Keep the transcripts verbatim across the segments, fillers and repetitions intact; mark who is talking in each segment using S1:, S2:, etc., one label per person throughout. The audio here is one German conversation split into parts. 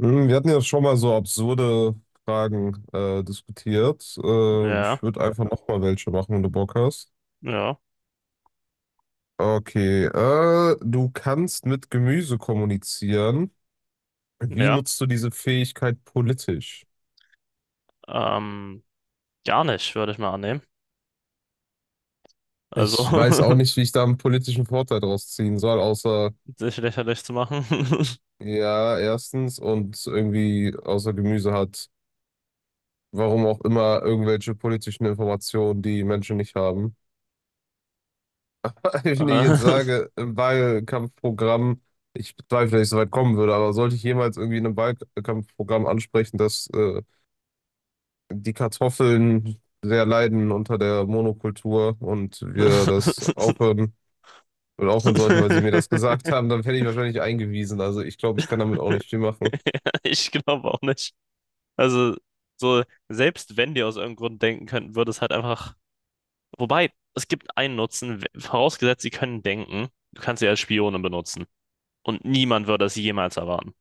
S1: Hm, Wir hatten ja schon mal so absurde Fragen äh, diskutiert. Äh,
S2: Ja,
S1: ich würde einfach noch mal welche machen, wenn du Bock hast.
S2: ja,
S1: Okay, äh, du kannst mit Gemüse kommunizieren. Wie
S2: ja.
S1: nutzt du diese Fähigkeit politisch?
S2: Ähm, Gar nicht, würde ich mal annehmen. Also,
S1: Ich weiß auch nicht, wie ich da einen politischen Vorteil draus ziehen soll, außer,
S2: sich lächerlich zu machen.
S1: ja, erstens und irgendwie außer Gemüse hat, warum auch immer, irgendwelche politischen Informationen, die Menschen nicht haben. Wenn ich jetzt
S2: Äh,
S1: sage, im Wahlkampfprogramm, ich bezweifle, dass ich so weit kommen würde, aber sollte ich jemals irgendwie in einem Wahlkampfprogramm ansprechen, dass äh, die Kartoffeln sehr leiden unter der Monokultur und wir das aufhören oder aufhören sollten, weil sie mir das gesagt haben, dann werde ich wahrscheinlich eingewiesen. Also ich glaube, ich kann damit auch nicht viel machen.
S2: Ich glaube auch nicht. Also, so, selbst wenn die aus irgendeinem Grund denken könnten, würde es halt einfach. Wobei, es gibt einen Nutzen, w- vorausgesetzt, sie können denken, du kannst sie als Spione benutzen. Und niemand würde es jemals erwarten.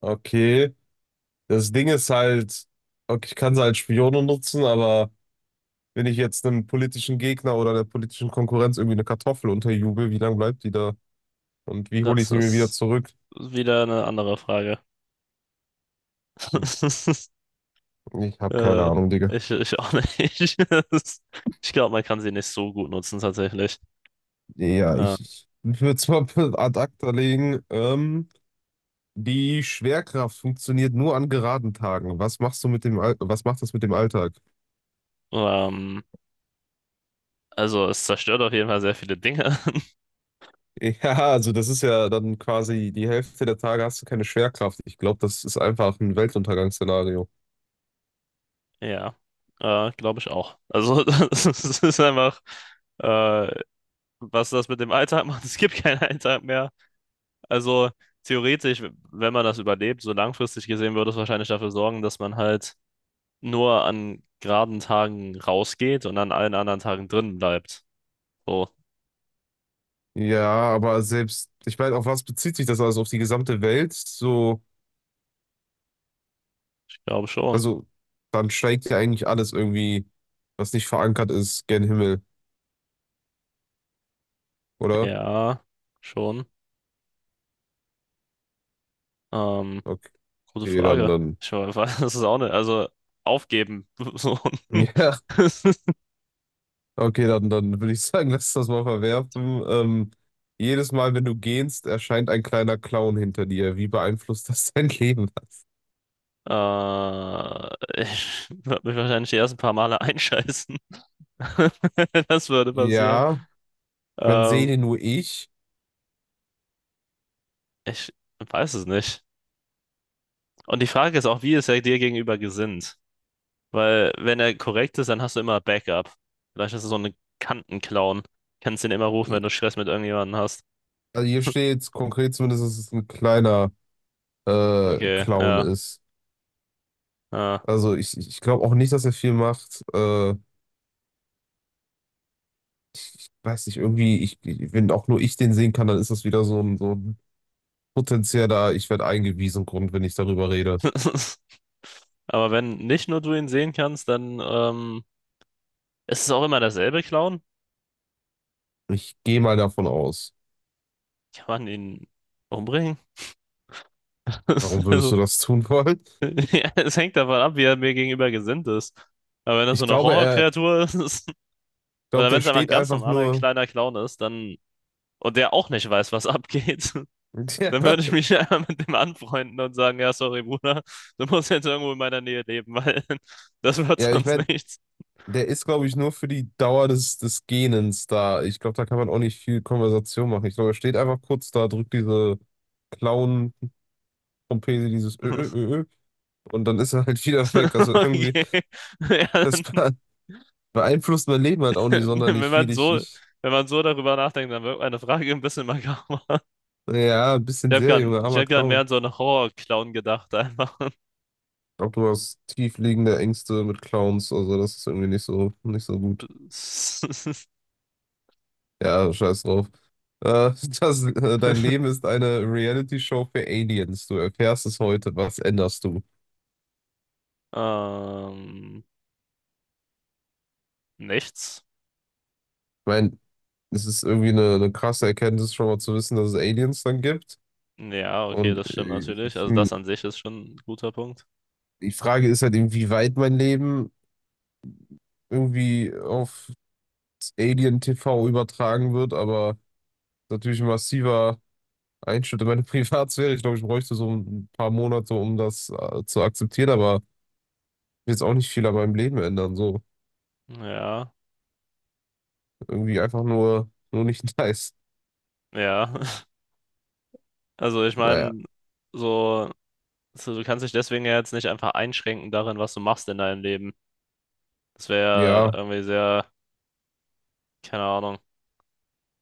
S1: Okay, das Ding ist halt, okay, ich kann sie als Spione nutzen, aber wenn ich jetzt einem politischen Gegner oder der politischen Konkurrenz irgendwie eine Kartoffel unterjubel, wie lange bleibt die da? Und wie hole ich
S2: Das
S1: sie mir wieder
S2: ist
S1: zurück?
S2: wieder eine andere Frage.
S1: Ich habe keine
S2: Äh,
S1: Ahnung, Digga.
S2: ich, ich auch nicht. Das- Ich glaube, man kann sie nicht so gut nutzen, tatsächlich.
S1: Ja,
S2: Äh,
S1: ich, ich würde es mal ad acta legen. Ähm, die Schwerkraft funktioniert nur an geraden Tagen. Was machst du mit dem Al was macht das mit dem Alltag?
S2: ähm, also, es zerstört auf jeden Fall sehr viele Dinge.
S1: Ja, also das ist ja dann quasi die Hälfte der Tage hast du keine Schwerkraft. Ich glaube, das ist einfach ein Weltuntergangsszenario.
S2: Ja, äh, glaube ich auch. Also, das ist ist einfach, äh, was das mit dem Alltag macht. Es gibt keinen Alltag mehr. Also, theoretisch, wenn man das überlebt, so langfristig gesehen, würde es wahrscheinlich dafür sorgen, dass man halt nur an geraden Tagen rausgeht und an allen anderen Tagen drin bleibt. So,
S1: Ja, aber selbst, ich meine, auf was bezieht sich das also? Auf die gesamte Welt? So,
S2: ich glaube schon.
S1: also dann steigt ja eigentlich alles irgendwie, was nicht verankert ist, gen Himmel. Oder?
S2: Ja, schon. Ähm, Gute
S1: Okay, dann,
S2: Frage.
S1: dann.
S2: Ich we- weiß, das ist auch nicht. Also aufgeben. So.
S1: Ja, okay, dann, dann würde ich sagen, lass das mal verwerfen. Ähm, jedes Mal, wenn du gehst, erscheint ein kleiner Clown hinter dir. Wie beeinflusst das dein Leben?
S2: Äh, ich würde mich wahrscheinlich die ersten paar Male einscheißen. Das würde passieren.
S1: Ja, wenn sehe
S2: Ähm,
S1: den nur ich.
S2: Ich weiß es nicht. Und die Frage ist auch, wie ist er dir gegenüber gesinnt? Weil, wenn er korrekt ist, dann hast du immer Backup. Vielleicht ist er so eine Kantenclown. Kannst ihn immer rufen, wenn du Stress mit irgendjemandem hast.
S1: Also hier steht konkret zumindest, dass es ein kleiner äh,
S2: Okay,
S1: Clown
S2: ja.
S1: ist.
S2: Ja.
S1: Also ich, ich glaube auch nicht, dass er viel macht. Äh, ich, ich weiß nicht, irgendwie, ich, ich- wenn auch nur ich den sehen kann, dann ist das wieder so ein, so ein potenzieller, ich werde eingewiesen Grund, wenn ich darüber rede.
S2: Aber wenn nicht nur du ihn sehen kannst, dann ähm, ist es auch immer dasselbe, Clown.
S1: Ich gehe mal davon aus.
S2: Kann man ihn umbringen?
S1: Warum würdest
S2: Also,
S1: du das tun wollen?
S2: ja, es hängt davon ab, wie er mir gegenüber gesinnt ist. Aber wenn das so
S1: Ich
S2: eine
S1: glaube, er, ich
S2: Horrorkreatur ist,
S1: glaube,
S2: oder wenn
S1: der
S2: es einfach ein
S1: steht
S2: ganz
S1: einfach
S2: normaler
S1: nur.
S2: kleiner Clown ist, dann, und der auch nicht weiß, was abgeht,
S1: Ja,
S2: dann würde ich mich einfach mit dem anfreunden und sagen, ja, sorry, Bruder, du musst jetzt irgendwo in meiner Nähe leben, weil das wird
S1: ja, ich
S2: sonst
S1: meine,
S2: nichts.
S1: der ist, glaube ich, nur für die Dauer des, des Gähnens da. Ich glaube, da kann man auch nicht viel Konversation machen. Ich glaube, er steht einfach kurz da, drückt diese Clown-Trompete, dieses Ö, Ö, Ö, Ö, und dann ist er halt wieder weg. Also irgendwie,
S2: Okay. Ja.
S1: das be- beeinflusst mein Leben halt auch nicht
S2: Wenn
S1: sonderlich viel.
S2: man
S1: Ich,
S2: so,
S1: ich,
S2: wenn man so darüber nachdenkt, dann wird meine Frage ein bisschen makaber.
S1: ja, ein
S2: Ich
S1: bisschen
S2: habe
S1: sehr,
S2: gerade,
S1: Junge,
S2: ich
S1: armer
S2: habe gerade mehr an
S1: Clown.
S2: so einen Horror-Clown gedacht, einfach.
S1: glaube, du hast tiefliegende Ängste mit Clowns, also das ist irgendwie nicht so, nicht so gut. Ja, scheiß drauf. Äh, das, äh, dein Leben ist eine Reality-Show für Aliens. Du erfährst es heute, was änderst du? Ich
S2: Ähm, Nichts.
S1: meine, es ist irgendwie eine, eine krasse Erkenntnis, schon mal zu wissen, dass es Aliens dann gibt.
S2: Ja, okay,
S1: Und
S2: das stimmt
S1: äh, es
S2: natürlich.
S1: ist
S2: Also das
S1: ein,
S2: an sich ist schon ein guter Punkt.
S1: die Frage ist halt, inwieweit mein Leben irgendwie auf Alien-T V übertragen wird, aber natürlich ein massiver. Einschnitt in meine Privatsphäre. Ich glaube, ich bräuchte so ein paar Monate, um das äh, zu akzeptieren, aber jetzt auch nicht viel an meinem Leben ändern. So
S2: Ja,
S1: irgendwie einfach nur, nur nicht nice.
S2: ja. Also ich
S1: Naja,
S2: meine, so, so, du kannst dich deswegen ja jetzt nicht einfach einschränken darin, was du machst in deinem Leben. Das wäre
S1: ja,
S2: irgendwie sehr, keine Ahnung,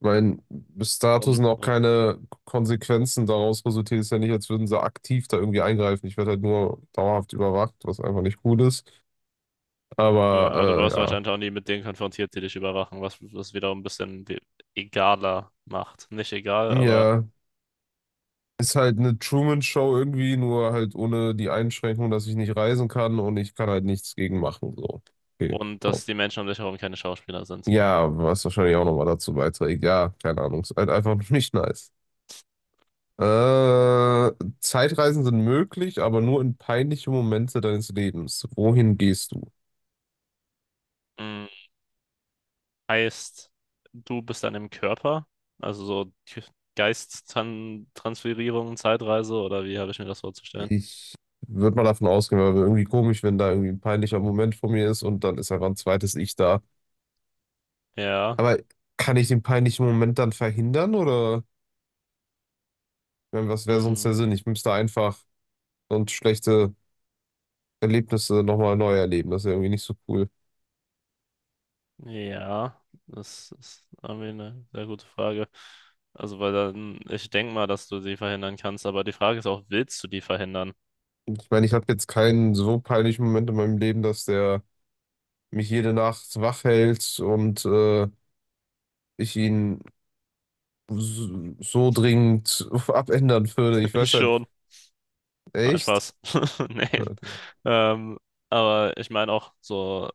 S1: mein, bis dato
S2: dumm.
S1: sind auch keine Konsequenzen daraus resultiert. Ist ja nicht, als würden sie aktiv da irgendwie eingreifen. Ich werde halt nur dauerhaft überwacht, was einfach nicht gut ist.
S2: Ja, aber du wirst
S1: Aber
S2: wahrscheinlich auch nie mit denen konfrontiert, die dich überwachen, was das wiederum ein bisschen we- egaler macht. Nicht egal,
S1: äh, ja,
S2: aber.
S1: ja. Ist halt eine Truman-Show irgendwie, nur halt ohne die Einschränkung, dass ich nicht reisen kann und ich kann halt nichts gegen machen. So, okay.
S2: Und dass die Menschen um dich herum keine Schauspieler sind.
S1: Ja, was wahrscheinlich auch nochmal dazu beiträgt. Ja, keine Ahnung. Ist halt einfach nicht nice. Äh, Zeitreisen sind möglich, aber nur in peinliche Momente deines Lebens. Wohin gehst du?
S2: Mm, heißt, du bist dann im Körper? Also so K- Geisttransferierung, Zeitreise oder wie habe ich mir das vorzustellen?
S1: Ich würde mal davon ausgehen, weil wäre irgendwie komisch, wenn da irgendwie ein peinlicher Moment vor mir ist und dann ist einfach ein zweites Ich da.
S2: Ja.
S1: Aber kann ich den peinlichen Moment dann verhindern oder ich mein, was wäre sonst der
S2: Mm,
S1: Sinn? Ich müsste einfach und schlechte Erlebnisse nochmal neu erleben. Das ist ja irgendwie nicht so cool.
S2: ja, das ist irgendwie eine sehr gute Frage. Also, weil dann, ich denke mal, dass du sie verhindern kannst, aber die Frage ist auch, willst du die verhindern?
S1: Ich meine, ich hatte jetzt keinen so peinlichen Moment in meinem Leben, dass der mich jede Nacht wach hält und äh, ich ihn so so dringend abändern würde. Ich weiß halt,
S2: Schon. Nein,
S1: echt?
S2: Spaß. Nee.
S1: Okay.
S2: Ähm, aber ich meine auch so,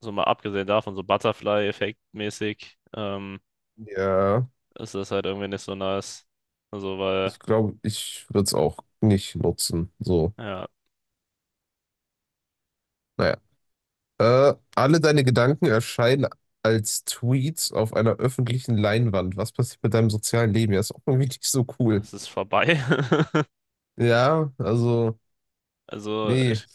S2: so mal abgesehen davon, so Butterfly-Effekt-mäßig, ähm,
S1: Ja,
S2: ist das halt irgendwie nicht so nice. Also, weil,
S1: ich glaube, ich würde es auch nicht nutzen. So,
S2: ja,
S1: naja. Äh, alle deine Gedanken erscheinen als Tweets auf einer öffentlichen Leinwand. Was passiert mit deinem sozialen Leben? Ja, ist auch irgendwie nicht so cool.
S2: es ist vorbei.
S1: Ja, also,
S2: Also,
S1: nee.
S2: ich,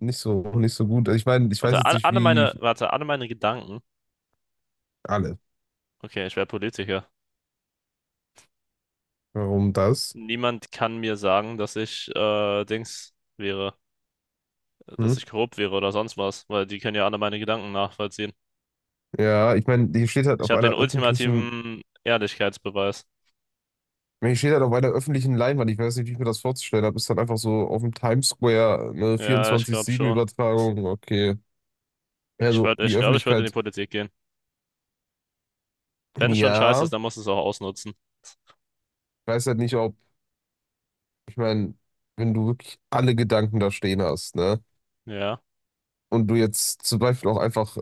S1: Nicht so, nicht so gut. Also ich meine, ich weiß
S2: warte,
S1: jetzt
S2: all-
S1: nicht,
S2: alle
S1: wie
S2: meine, warte, alle meine Gedanken.
S1: alle.
S2: Okay, ich wäre Politiker.
S1: Warum das?
S2: Niemand kann mir sagen, dass ich, äh, Dings wäre,
S1: Hm?
S2: dass ich korrupt wäre oder sonst was, weil die können ja alle meine Gedanken nachvollziehen.
S1: Ja, ich meine, hier steht halt
S2: Ich
S1: auf
S2: habe
S1: einer
S2: den
S1: öffentlichen,
S2: ultimativen Ehrlichkeitsbeweis.
S1: hier steht halt auf einer öffentlichen Leinwand. Ich weiß nicht, wie ich mir das vorzustellen habe. Ist halt einfach so auf dem Times Square eine
S2: Ja, ich glaube schon.
S1: vierundzwanzig sieben-Übertragung. Okay.
S2: Ich
S1: Also
S2: würde,
S1: die
S2: ich glaube, ich würde in die
S1: Öffentlichkeit,
S2: Politik gehen. Wenn es schon scheiße
S1: ja,
S2: ist,
S1: ich
S2: dann musst du es auch ausnutzen.
S1: weiß halt nicht, ob, ich meine, wenn du wirklich alle Gedanken da stehen hast, ne?
S2: Ja,
S1: Und du jetzt zum Beispiel auch einfach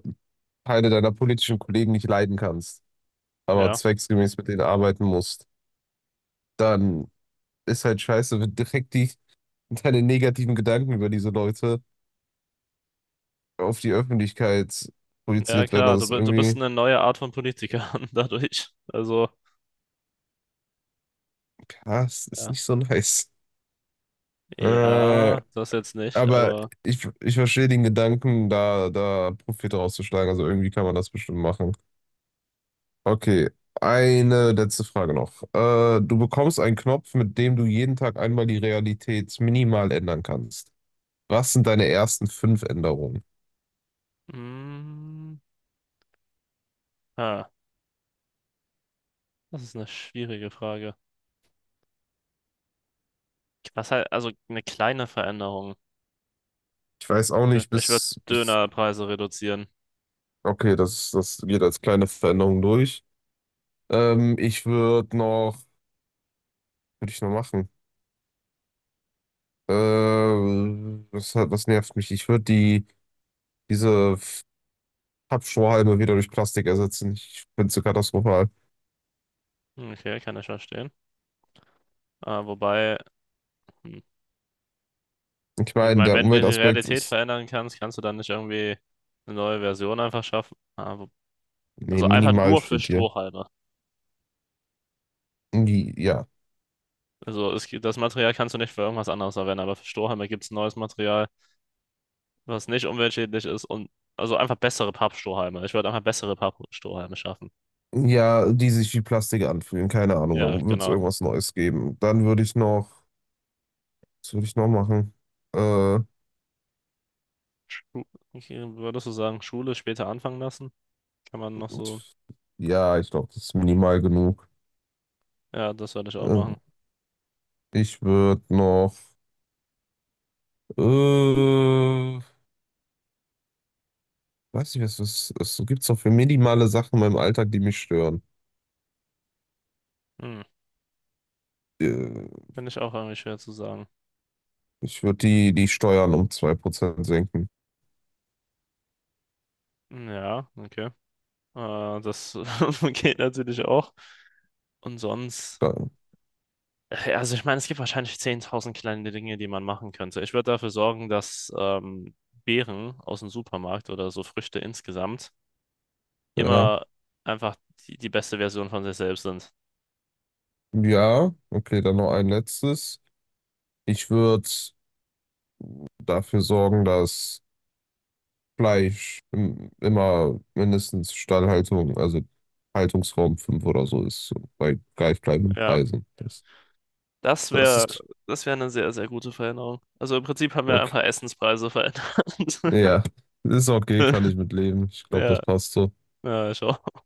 S1: Teile deiner politischen Kollegen nicht leiden kannst, aber
S2: ja,
S1: zwecksgemäß mit denen arbeiten musst dann ist halt scheiße, wenn direkt die, deine negativen Gedanken über diese Leute auf die Öffentlichkeit
S2: ja,
S1: projiziert werden.
S2: klar.
S1: Das
S2: Du,
S1: ist
S2: bi- du bist
S1: irgendwie,
S2: eine neue Art von Politiker dadurch. Also,
S1: ja, es ist
S2: ja,
S1: nicht so nice. Äh,
S2: ja, das jetzt nicht,
S1: aber
S2: aber,
S1: ich, ich verstehe den Gedanken, da, da Profit rauszuschlagen. Also irgendwie kann man das bestimmt machen. Okay, eine letzte Frage noch. Äh, du bekommst einen Knopf, mit dem du jeden Tag einmal die Realität minimal ändern kannst. Was sind deine ersten fünf Änderungen?
S2: mm, ah, das ist eine schwierige Frage. Was halt, also eine kleine Veränderung.
S1: Ich weiß auch nicht,
S2: Ich würde
S1: bis, bis
S2: Dönerpreise reduzieren.
S1: okay, das, das geht als kleine Veränderung durch. Ähm, ich würde noch, würde ich noch machen? Äh, was, hat- was nervt mich? Ich würde die, diese F- Pappstrohhalme wieder durch Plastik ersetzen. Ich finde es so katastrophal.
S2: Okay, kann ich verstehen. Ah, wobei, hm,
S1: Ich
S2: ich
S1: meine,
S2: meine,
S1: der
S2: wenn du die
S1: Umweltaspekt
S2: Realität
S1: ist,
S2: verändern kannst, kannst du dann nicht irgendwie eine neue Version einfach schaffen. Aber,
S1: nee,
S2: also einfach
S1: minimal
S2: nur für
S1: steht hier.
S2: Strohhalme.
S1: Die, ja.
S2: Also es, gibt- das Material kannst du nicht für irgendwas anderes verwenden, aber für Strohhalme gibt es neues Material, was nicht umweltschädlich ist und also einfach bessere Pappstrohhalme. Ich würde einfach bessere Pappstrohhalme schaffen.
S1: Ja, die sich wie Plastik anfühlen. Keine Ahnung, da
S2: Ja,
S1: wird es
S2: genau.
S1: irgendwas Neues geben. Dann würde ich noch, was würde ich noch machen? Äh,
S2: Schu- Okay, würdest du sagen, Schule später anfangen lassen? Kann man noch so.
S1: ja, ich glaube, das ist minimal genug.
S2: Ja, das würde ich auch
S1: Äh,
S2: machen.
S1: ich würde noch. Äh, weiß nicht, was es was so gibt's doch für minimale Sachen in meinem Alltag, die mich stören.
S2: Hm,
S1: Äh,
S2: finde ich auch irgendwie schwer zu sagen.
S1: ich würde die, die Steuern um zwei Prozent senken.
S2: Hm. Ja, okay. Äh, das geht natürlich auch. Und sonst,
S1: Da,
S2: äh, also ich meine, es gibt wahrscheinlich zehntausend kleine Dinge, die man machen könnte. Ich würde dafür sorgen, dass ähm, Beeren aus dem Supermarkt oder so Früchte insgesamt
S1: ja.
S2: immer einfach die, die beste Version von sich selbst sind.
S1: Ja, okay, dann noch ein letztes. Ich würde dafür sorgen, dass Fleisch im, immer mindestens Stallhaltung, also Haltungsraum fünf oder so ist, so bei gleich bleibenden
S2: Ja,
S1: Preisen. Das,
S2: das
S1: das
S2: wäre,
S1: ist
S2: das wäre eine sehr, sehr gute Veränderung. Also im Prinzip haben wir einfach
S1: okay.
S2: Essenspreise verändert.
S1: Ja, ist okay, kann ich mit leben. Ich glaube,
S2: Ja,
S1: das passt so.
S2: ja, schon.